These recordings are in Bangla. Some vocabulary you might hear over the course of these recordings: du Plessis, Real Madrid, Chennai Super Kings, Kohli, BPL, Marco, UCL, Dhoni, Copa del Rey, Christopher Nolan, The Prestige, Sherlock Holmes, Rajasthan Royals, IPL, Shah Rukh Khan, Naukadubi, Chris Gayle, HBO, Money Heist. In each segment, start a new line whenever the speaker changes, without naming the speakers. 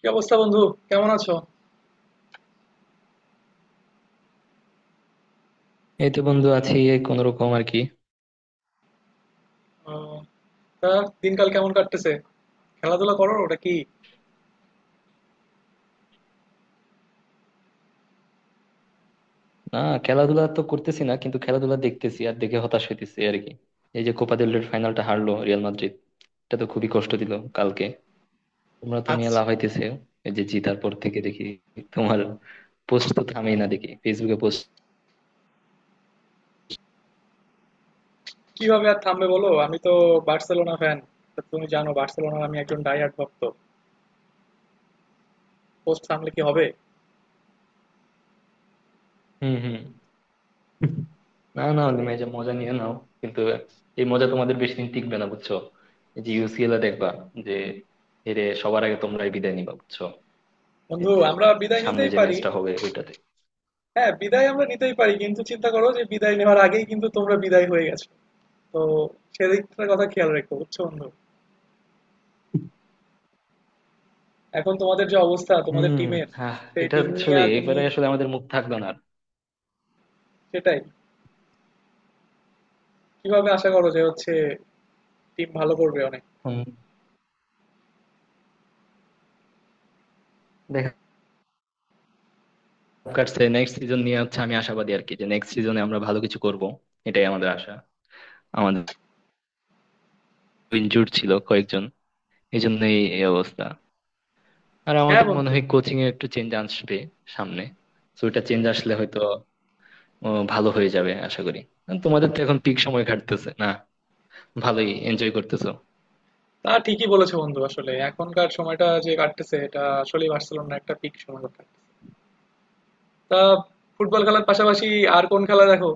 কি অবস্থা বন্ধু? কেমন আছো?
এই তো বন্ধু, আছি এই কোন রকম আর কি।
আহ, তা দিনকাল কেমন কাটতেছে? খেলাধুলা করো? ওটা কি?
না, খেলাধুলা তো করতেছি না, কিন্তু খেলাধুলা দেখতেছি আর দেখে হতাশ হইতেছি আর কি। এই যে কোপা দেল রের ফাইনালটা হারলো রিয়াল মাদ্রিদ, এটা তো খুবই কষ্ট দিল কালকে। তোমরা তো
আজ
মিয়া লাফাইতেছে এই যে জিতার পর থেকে দেখি, তোমার পোস্ট তো থামেই না, দেখি ফেসবুকে পোস্ট।
কিভাবে আর থামবে বলো? আমি তো বার্সেলোনা ফ্যান। তুমি জানো বার্সেলোনার আমি একজন ডাইহার্ড ভক্ত। পোস্ট থামলে কি হবে?
হম হম। না না, তুমি এই যে মজা নিয়ে নাও, কিন্তু এই মজা তোমাদের বেশি দিন টিকবে না বুঝছো। এই যে UCL এ দেখবা যে হেরে সবার আগে তোমরাই বিদায় নিবা বুঝছো। এই
বন্ধু,
যে
আমরা বিদায়
সামনে
নিতেই
যে
পারি।
ম্যাচটা হবে ওইটাতে।
হ্যাঁ, বিদায় আমরা নিতেই পারি, কিন্তু চিন্তা করো যে বিদায় নেওয়ার আগেই কিন্তু তোমরা বিদায় হয়ে গেছো। তো সেদিকটার কথা খেয়াল রেখো, বুঝছো বন্ধু? এখন তোমাদের যে অবস্থা, তোমাদের
হুম।
টিমের
হ্যাঁ।
সেই
এটা
টিম নিয়ে
আসলে
তুমি
এবারে আসলে আমাদের মুখ থাকলো না আর।
সেটাই কিভাবে আশা করো যে হচ্ছে টিম ভালো করবে অনেক?
হুম, দেখা কাটছে নেক্সট সিজন নিয়ে হচ্ছে, আমি আশাবাদী আর কি, যে নেক্সট সিজনে আমরা ভালো কিছু করব। এটাই আমাদের আশা। আমাদের ইনজুর ছিল কয়েকজন, এই জন্যই এই অবস্থা। আর
হ্যাঁ
আমাদের মনে
বন্ধু,
হয় কোচিং এ একটু চেঞ্জ আসবে সামনে। তো এটা চেঞ্জ আসলে হয়তো ভালো হয়ে যাবে আশা করি। আর তোমাদের তো এখন পিক সময় কাটতেছে না, ভালোই এনজয় করতেছো।
তা ঠিকই বলেছো বন্ধু। আসলে এখনকার সময়টা যে কাটতেছে, এটা আসলেই বার্সেলোনা একটা পিক সময় কাটতেছে। তা ফুটবল খেলার পাশাপাশি আর কোন খেলা দেখো?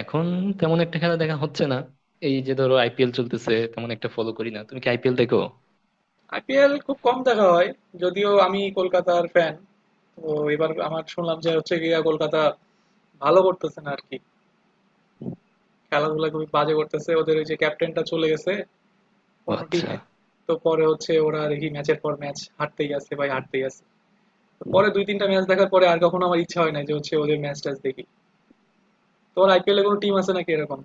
এখন তেমন একটা খেলা দেখা হচ্ছে না। এই যে ধরো IPL চলতেছে, তেমন একটা ফলো করি না। তুমি কি IPL দেখো?
আইপিএল খুব কম দেখা হয়, যদিও আমি কলকাতার ফ্যান। তো এবার আমার শুনলাম যে হচ্ছে গিয়া কলকাতা ভালো করতেছে না আর কি। খেলাধুলা খুবই বাজে করতেছে ওদের। ওই যে ক্যাপ্টেনটা চলে গেছে
ও
অন্য
আচ্ছা।
টিমে। তো পরে হচ্ছে ওরা দেখি ম্যাচের পর ম্যাচ হারতেই আছে ভাই, হারতেই আছে। তো পরে দুই তিনটা ম্যাচ দেখার পরে আর কখনো আমার ইচ্ছা হয় না যে হচ্ছে ওদের ম্যাচ ট্যাচ দেখি। তোমার আইপিএলে কোনো টিম আছে নাকি এরকম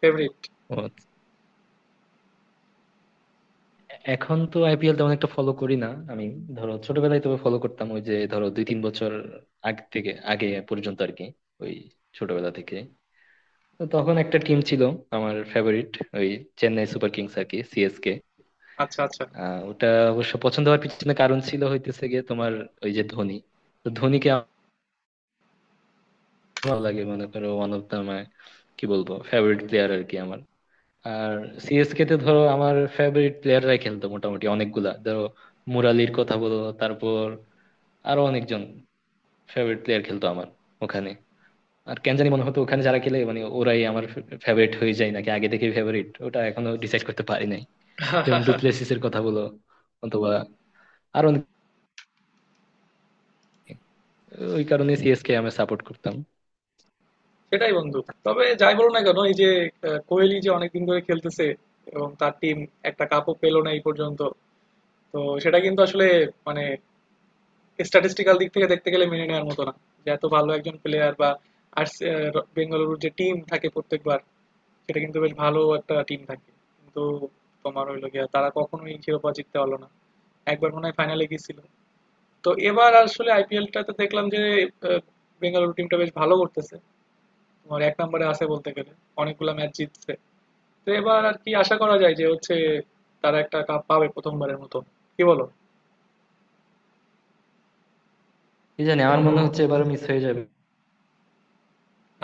ফেভারিট?
ও, এখন তো IPL তেমন একটা ফলো করি না আমি। ধরো ছোটবেলায় তবে ফলো করতাম, ওই যে ধরো দুই তিন বছর আগ থেকে আগে পর্যন্ত আর কি, ওই ছোটবেলা থেকে। তো তখন একটা টিম ছিল আমার ফেভারিট, ওই চেন্নাই সুপার কিংস আর কি, CSK।
আচ্ছা আচ্ছা।
ওটা অবশ্য পছন্দ হওয়ার পিছনে কারণ ছিল হইতেছে গিয়ে তোমার ওই যে ধোনি। তো ধোনিকে আমার ভালো লাগে, মনে করো ওয়ান অফ দা মাই, কি বলবো, ফেভারিট প্লেয়ার আর কি আমার। আর CSK তে ধরো আমার ফেভারিট প্লেয়াররাই খেলতো মোটামুটি, অনেকগুলা, ধরো মুরালির কথা বলো, তারপর আরো অনেকজন ফেভারিট প্লেয়ার খেলতো আমার ওখানে। আর কেন জানি মনে হতো ওখানে যারা খেলে মানে ওরাই আমার ফেভারিট হয়ে যায়, নাকি আগে থেকে ফেভারিট, ওটা এখনো ডিসাইড করতে পারি নাই। যেমন ডুপ্লেসিস এর কথা বলো, অথবা আরো অনেক- ওই কারণে CSK আমি সাপোর্ট করতাম।
সেটাই বন্ধু। তবে যাই বলো না কেন, এই যে কোহলি যে অনেকদিন ধরে খেলতেছে এবং তার টিম একটা কাপও পেলো না এই পর্যন্ত। তো সেটা কিন্তু আসলে মানে স্ট্যাটিস্টিক্যাল দিক থেকে দেখতে গেলে মেনে নেওয়ার মতো না, যে এত ভালো একজন প্লেয়ার বা আর বেঙ্গালুরুর যে টিম থাকে প্রত্যেকবার, সেটা কিন্তু বেশ ভালো একটা টিম থাকে। কিন্তু তোমার হইলো গিয়া তারা কখনোই শিরোপা জিততে পারলো না। একবার মনে হয় ফাইনালে গিয়েছিল। তো এবার আসলে আইপিএলটাতে দেখলাম যে আহ, বেঙ্গালুরু টিমটা বেশ ভালো করতেছে। তোমার এক নম্বরে আছে বলতে গেলে। অনেকগুলা ম্যাচ জিতছে। তো এবার আর কি আশা করা যায় যে হচ্ছে তারা একটা কাপ পাবে প্রথমবারের মতো? কি বলো?
কি জানি, আমার মনে হচ্ছে এবারও মিস হয়ে যাবে।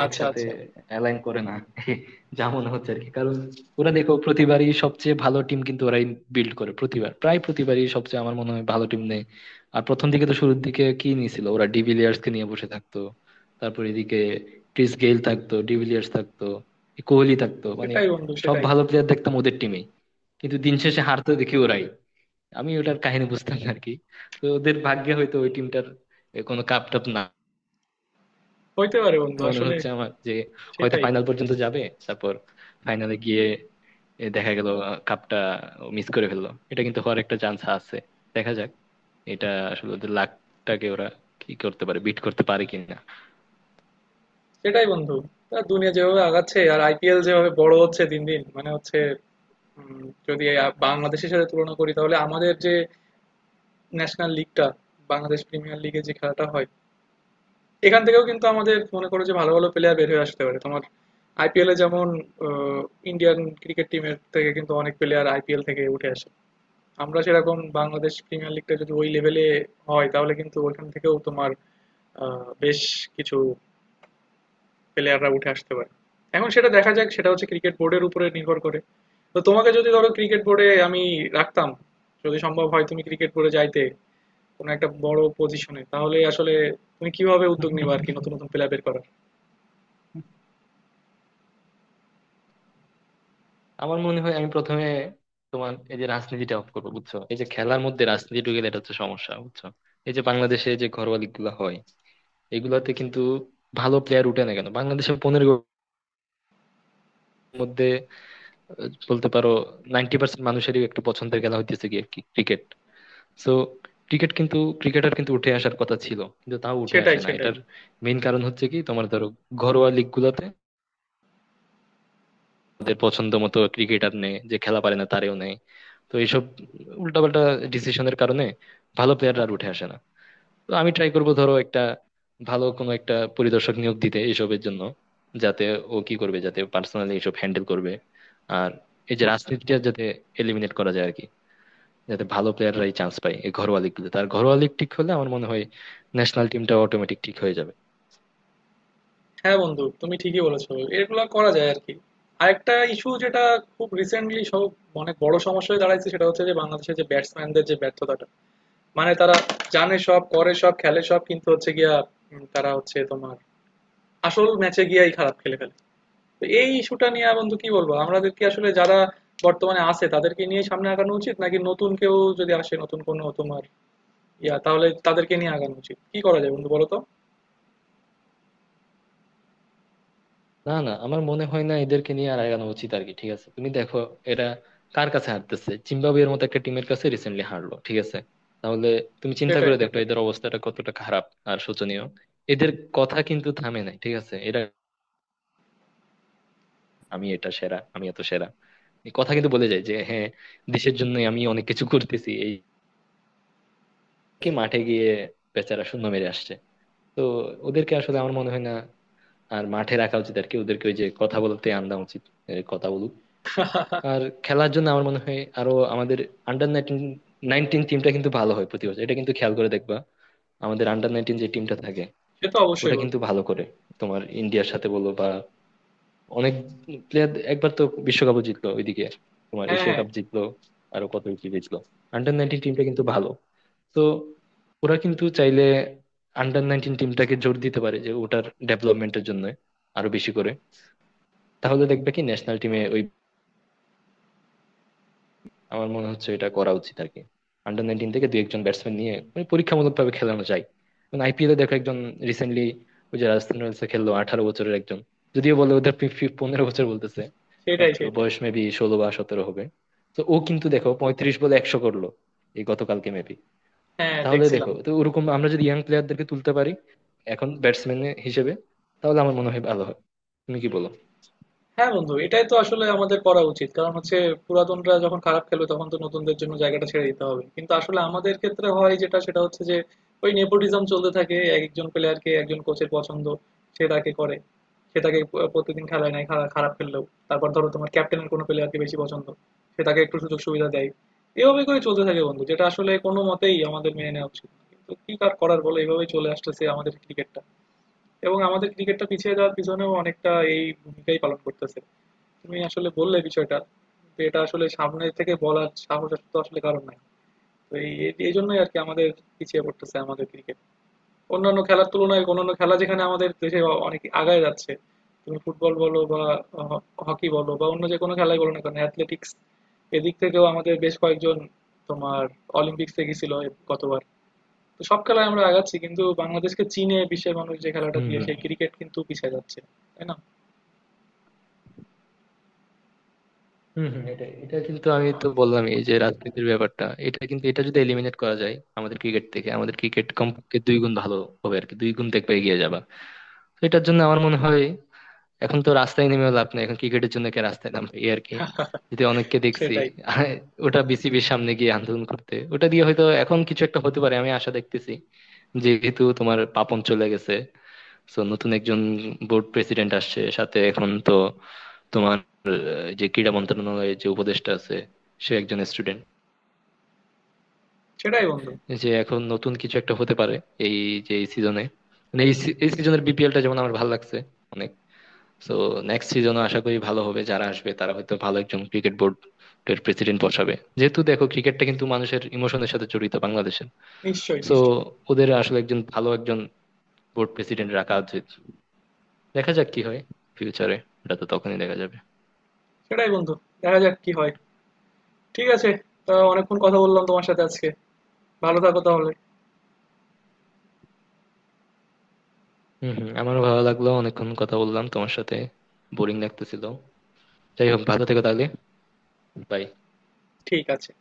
আচ্ছা
একসাথে
আচ্ছা।
অ্যালাইন করে না যা মনে হচ্ছে আর কি। কারণ ওরা দেখো প্রতিবারই সবচেয়ে ভালো টিম কিন্তু ওরাই বিল্ড করে, প্রতিবার প্রায় প্রতিবারই সবচেয়ে আমার মনে হয় ভালো টিম নেই। আর প্রথম দিকে তো শুরুর দিকে কি নিয়েছিল ওরা, ডিভিলিয়ার্স কে নিয়ে বসে থাকতো, তারপর এদিকে ক্রিস গেইল থাকতো, ডিভিলিয়ার্স থাকতো, কোহলি থাকতো, মানে
সেটাই বন্ধু,
সব
সেটাই।
ভালো প্লেয়ার দেখতাম ওদের টিমে। কিন্তু দিন শেষে হারতো দেখি ওরাই। আমি ওটার কাহিনী বুঝতাম না আর কি। তো ওদের ভাগ্যে হয়তো, ওই টিমটার, কোনো কাপ টাপ না।
হইতে পারে বন্ধু,
মনে
আসলে
হচ্ছে আমার যে হয়তো
সেটাই।
ফাইনাল পর্যন্ত যাবে, তারপর ফাইনালে গিয়ে এ দেখা গেল কাপটা মিস করে ফেললো, এটা কিন্তু হওয়ার একটা চান্স আছে। দেখা যাক, এটা আসলে ওদের লাকটাকে ওরা কি করতে পারে, বিট করতে পারে কিনা।
সেটাই বন্ধু। তা দুনিয়া যেভাবে আগাচ্ছে আর আইপিএল যেভাবে বড় হচ্ছে দিন দিন, মানে হচ্ছে যদি বাংলাদেশের সাথে তুলনা করি, তাহলে আমাদের যে ন্যাশনাল লিগটা বাংলাদেশ প্রিমিয়ার লিগে যে খেলাটা হয়, এখান থেকেও কিন্তু আমাদের মনে করো যে ভালো ভালো প্লেয়ার বের হয়ে আসতে পারে। তোমার আইপিএলে যেমন ইন্ডিয়ান ক্রিকেট টিমের থেকে কিন্তু অনেক প্লেয়ার আইপিএল থেকে উঠে আসে। আমরা সেরকম বাংলাদেশ প্রিমিয়ার লিগটা যদি ওই লেভেলে হয়, তাহলে কিন্তু ওইখান থেকেও তোমার বেশ কিছু প্লেয়াররা উঠে আসতে পারে। এখন সেটা দেখা যাক, সেটা হচ্ছে ক্রিকেট বোর্ডের উপরে নির্ভর করে। তো তোমাকে যদি ধরো ক্রিকেট বোর্ডে আমি রাখতাম, যদি সম্ভব হয় তুমি ক্রিকেট বোর্ডে যাইতে কোনো একটা বড় পজিশনে, তাহলে আসলে তুমি কিভাবে উদ্যোগ নেবে আর কি নতুন নতুন প্লেয়ার বের করার?
আমার মনে হয় আমি প্রথমে তোমার এই যে রাজনীতিটা অফ করবো বুঝছো। এই যে খেলার মধ্যে রাজনীতি ঢুকে গেলে এটা হচ্ছে সমস্যা বুঝছো। এই যে বাংলাদেশে যে ঘরোয়া লিগ গুলো হয় এগুলাতে কিন্তু ভালো প্লেয়ার উঠে না কেন? বাংলাদেশে 15 মধ্যে, বলতে পারো 90% মানুষেরই একটু পছন্দের খেলা হইতেছে গিয়ে কি ক্রিকেট। সো ক্রিকেট কিন্তু, ক্রিকেটার কিন্তু উঠে আসার কথা ছিল, কিন্তু তাও উঠে
সেটাই,
আসে না।
সেটাই।
এটার মেইন কারণ হচ্ছে কি, তোমার ধরো ঘরোয়া লিগ গুলাতে তাদের পছন্দ মতো ক্রিকেটার, নেই যে খেলা পারে না তারেও নেই। তো এইসব উল্টাপাল্টা ডিসিশনের কারণে ভালো প্লেয়াররা আর উঠে আসে না। তো আমি ট্রাই করবো ধরো একটা ভালো কোনো একটা পরিদর্শক নিয়োগ দিতে এসবের জন্য, যাতে ও কি করবে, যাতে পার্সোনালি এসব হ্যান্ডেল করবে। আর এই যে রাজনীতিটা যাতে এলিমিনেট করা যায় আর কি, যাতে ভালো প্লেয়াররাই চান্স পায় এই ঘরোয়া লিগগুলোতে। তার ঘরোয়া লিগ ঠিক হলে আমার মনে হয় ন্যাশনাল টিমটা অটোমেটিক ঠিক হয়ে যাবে।
হ্যাঁ বন্ধু, তুমি ঠিকই বলেছো। এগুলা করা যায় আরকি। আরেকটা ইস্যু যেটা খুব রিসেন্টলি সব অনেক বড় সমস্যা হয়ে দাঁড়াইছে, সেটা হচ্ছে যে বাংলাদেশের যে ব্যাটসম্যানদের যে ব্যর্থতাটা। মানে তারা জানে সব, করে সব, খেলে সব, কিন্তু হচ্ছে গিয়া তারা হচ্ছে তোমার আসল ম্যাচে গিয়াই খারাপ খেলে ফেলে। তো এই ইস্যুটা নিয়ে বন্ধু কি বলবো? আমাদের কি আসলে যারা বর্তমানে আছে তাদেরকে নিয়ে সামনে আগানো উচিত, নাকি নতুন কেউ যদি আসে নতুন কোনো তোমার ইয়া, তাহলে তাদেরকে নিয়ে আগানো উচিত? কি করা যায় বন্ধু বলো তো?
না না, আমার মনে হয় না এদেরকে নিয়ে আর আগানো উচিত আর কি। ঠিক আছে, তুমি দেখো এরা কার কাছে হারতেছে, জিম্বাবুয়ের মতো একটা টিমের কাছে রিসেন্টলি হারলো। ঠিক আছে, তাহলে তুমি চিন্তা
সেটাই,
করে দেখো
সেটাই।
এদের অবস্থাটা কতটা খারাপ আর শোচনীয়। এদের কথা কিন্তু থামে নাই। ঠিক আছে, এরা আমি এটা সেরা আমি এত সেরা, এই কথা কিন্তু বলে যায়, যে হ্যাঁ দেশের জন্য আমি অনেক কিছু করতেছি এই, কি মাঠে গিয়ে বেচারা শূন্য মেরে আসছে। তো ওদেরকে আসলে আমার মনে হয় না আর মাঠে রাখা উচিত আর কি। ওদেরকে ওই যে কথা বলতে আনা উচিত, কথা বলুক। আর খেলার জন্য আমার মনে হয় আরো, আমাদের আন্ডার 19, 19 টিমটা কিন্তু ভালো হয় প্রতি বছর, এটা কিন্তু খেয়াল করে দেখবা। আমাদের আন্ডার নাইনটিন যে টিমটা থাকে
সে তো
ওটা
অবশ্যই বন্ধু।
কিন্তু ভালো করে, তোমার ইন্ডিয়ার সাথে বলো বা অনেক, প্লেয়ার একবার তো বিশ্বকাপও জিতলো ওইদিকে। তোমার
হ্যাঁ,
এশিয়া
হ্যাঁ।
কাপ জিতলো, আরো কত কিছু জিতলো। আন্ডার নাইনটিন টিমটা কিন্তু ভালো। তো ওরা কিন্তু চাইলে আন্ডার নাইনটিন টিমটাকে জোর দিতে পারে, যে ওটার ডেভেলপমেন্টের জন্য আরো বেশি করে। তাহলে দেখবে কি ন্যাশনাল টিমে ওই, আমার মনে হচ্ছে এটা করা উচিত আর কি। আন্ডার নাইনটিন থেকে দুই একজন ব্যাটসম্যান নিয়ে মানে পরীক্ষামূলক ভাবে খেলানো যায়। মানে IPL এ দেখো একজন রিসেন্টলি ওই যে রাজস্থান রয়্যালস এ খেললো 18 বছরের একজন, যদিও বলে ওদের ফি- ফি- 15 বছর বলতেছে। বাট
সেটাই, সেটাই।
বয়স মেবি 16 বা 17 হবে। তো ও কিন্তু দেখো 35 বলে 100 করলো এই গতকালকে মেবি।
হ্যাঁ,
তাহলে
দেখছিলাম।
দেখো তো, ওরকম আমরা যদি ইয়াং প্লেয়ারদেরকে তুলতে পারি এখন ব্যাটসম্যান হিসেবে, তাহলে আমার মনে হয় ভালো হয়। তুমি কি বলো?
হ্যাঁ বন্ধু, এটাই তো আসলে আমাদের করা উচিত। কারণ হচ্ছে পুরাতনরা যখন খারাপ খেলবে তখন তো নতুনদের জন্য জায়গাটা ছেড়ে দিতে হবে। কিন্তু আসলে আমাদের ক্ষেত্রে হয় যেটা, সেটা হচ্ছে যে ওই নেপোটিজম চলতে থাকে। এক একজন প্লেয়ারকে একজন কোচের পছন্দ, সে তাকে করে। সে তাকে প্রতিদিন খেলায় নেয় খারাপ খেললেও। তারপর ধরো তোমার ক্যাপ্টেনের কোনো প্লেয়ারকে বেশি পছন্দ, সে তাকে একটু সুযোগ সুবিধা দেয়। এভাবে করে চলতে থাকে বন্ধু, যেটা আসলে কোনো মতেই আমাদের মেনে নেওয়া উচিত না। কিন্তু কি আর করার বলো, এভাবেই চলে আসতেছে আমাদের ক্রিকেটটা। এবং আমাদের ক্রিকেটটা পিছিয়ে যাওয়ার পিছনেও অনেকটা এই ভূমিকাই পালন করতেছে। তুমি আসলে বললে বিষয়টা, তো এটা আসলে সামনে থেকে বলার সাহস তো আসলে কারণ নাই। তো এই এই- এই জন্যই আর কি আমাদের পিছিয়ে পড়তেছে আমাদের ক্রিকেট অন্যান্য খেলার তুলনায়। অন্যান্য খেলা যেখানে আমাদের দেশে অনেক আগায় যাচ্ছে, তুমি ফুটবল বলো বা হকি বলো বা অন্য যে কোনো খেলাই বলো না কেন, অ্যাথলেটিক্স এদিক থেকেও আমাদের বেশ কয়েকজন তোমার অলিম্পিক্সে গেছিল গতবার। তো সব খেলায় আমরা আগাচ্ছি, কিন্তু বাংলাদেশকে চীনে বিশ্বের মানুষ যে খেলাটা
হুম
দিয়ে
হুম।
সেই ক্রিকেট কিন্তু পিছিয়ে যাচ্ছে, তাই না?
হুম হুম, এটা এটা কিন্তু আমি তো বললাম এই যে রাজনীতির ব্যাপারটা, এটা কিন্তু এটা যদি এলিমিনেট করা যায় আমাদের ক্রিকেট থেকে, আমাদের ক্রিকেট কমপক্ষে দুই গুণ ভালো হবে আর কি, দুই গুণ দেখবে এগিয়ে যাবা। তো এটার জন্য আমার মনে হয়, এখন তো রাস্তায় নেমেও লাভ নাই, এখন ক্রিকেটের জন্য কে রাস্তায় নামবে এই আর কি, যদি অনেককে দেখছি।
সেটাই,
আর ওটা BCB-র সামনে গিয়ে আন্দোলন করতে, ওটা দিয়ে হয়তো এখন কিছু একটা হতে পারে, আমি আশা দেখতেছি। যেহেতু তোমার পাপন চলে গেছে, তো নতুন একজন বোর্ড প্রেসিডেন্ট আসছে সাথে, এখন তো তোমার যে ক্রীড়া মন্ত্রণালয়ের যে উপদেষ্টা আছে সে একজন স্টুডেন্ট,
সেটাই বন্ধু।
যে এখন নতুন কিছু একটা হতে পারে। এই যে এই সিজনে, এই সিজনের BPL টা যেমন আমার ভালো লাগছে অনেক। তো নেক্সট সিজনও আশা করি ভালো হবে, যারা আসবে তারা হয়তো ভালো একজন ক্রিকেট বোর্ড এর প্রেসিডেন্ট বসাবে। যেহেতু দেখো ক্রিকেটটা কিন্তু মানুষের ইমোশনের সাথে জড়িত বাংলাদেশের।
নিশ্চয়ই,
তো
নিশ্চয়ই।
ওদের আসলে একজন ভালো একজন বোর্ড প্রেসিডেন্ট রাখা উচিত। দেখা যাক কি হয় ফিউচারে, ওটা তো তখনই দেখা যাবে।
সেটাই বন্ধু, দেখা যাক কি হয়। ঠিক আছে। তা অনেকক্ষণ কথা বললাম তোমার সাথে আজকে। ভালো থাকো তাহলে।
হম হম, আমারও ভালো লাগলো, অনেকক্ষণ কথা বললাম তোমার সাথে। বোরিং লাগতেছিল, যাই হোক, ভালো থেকো তাহলে। বাই।
ঠিক আছে।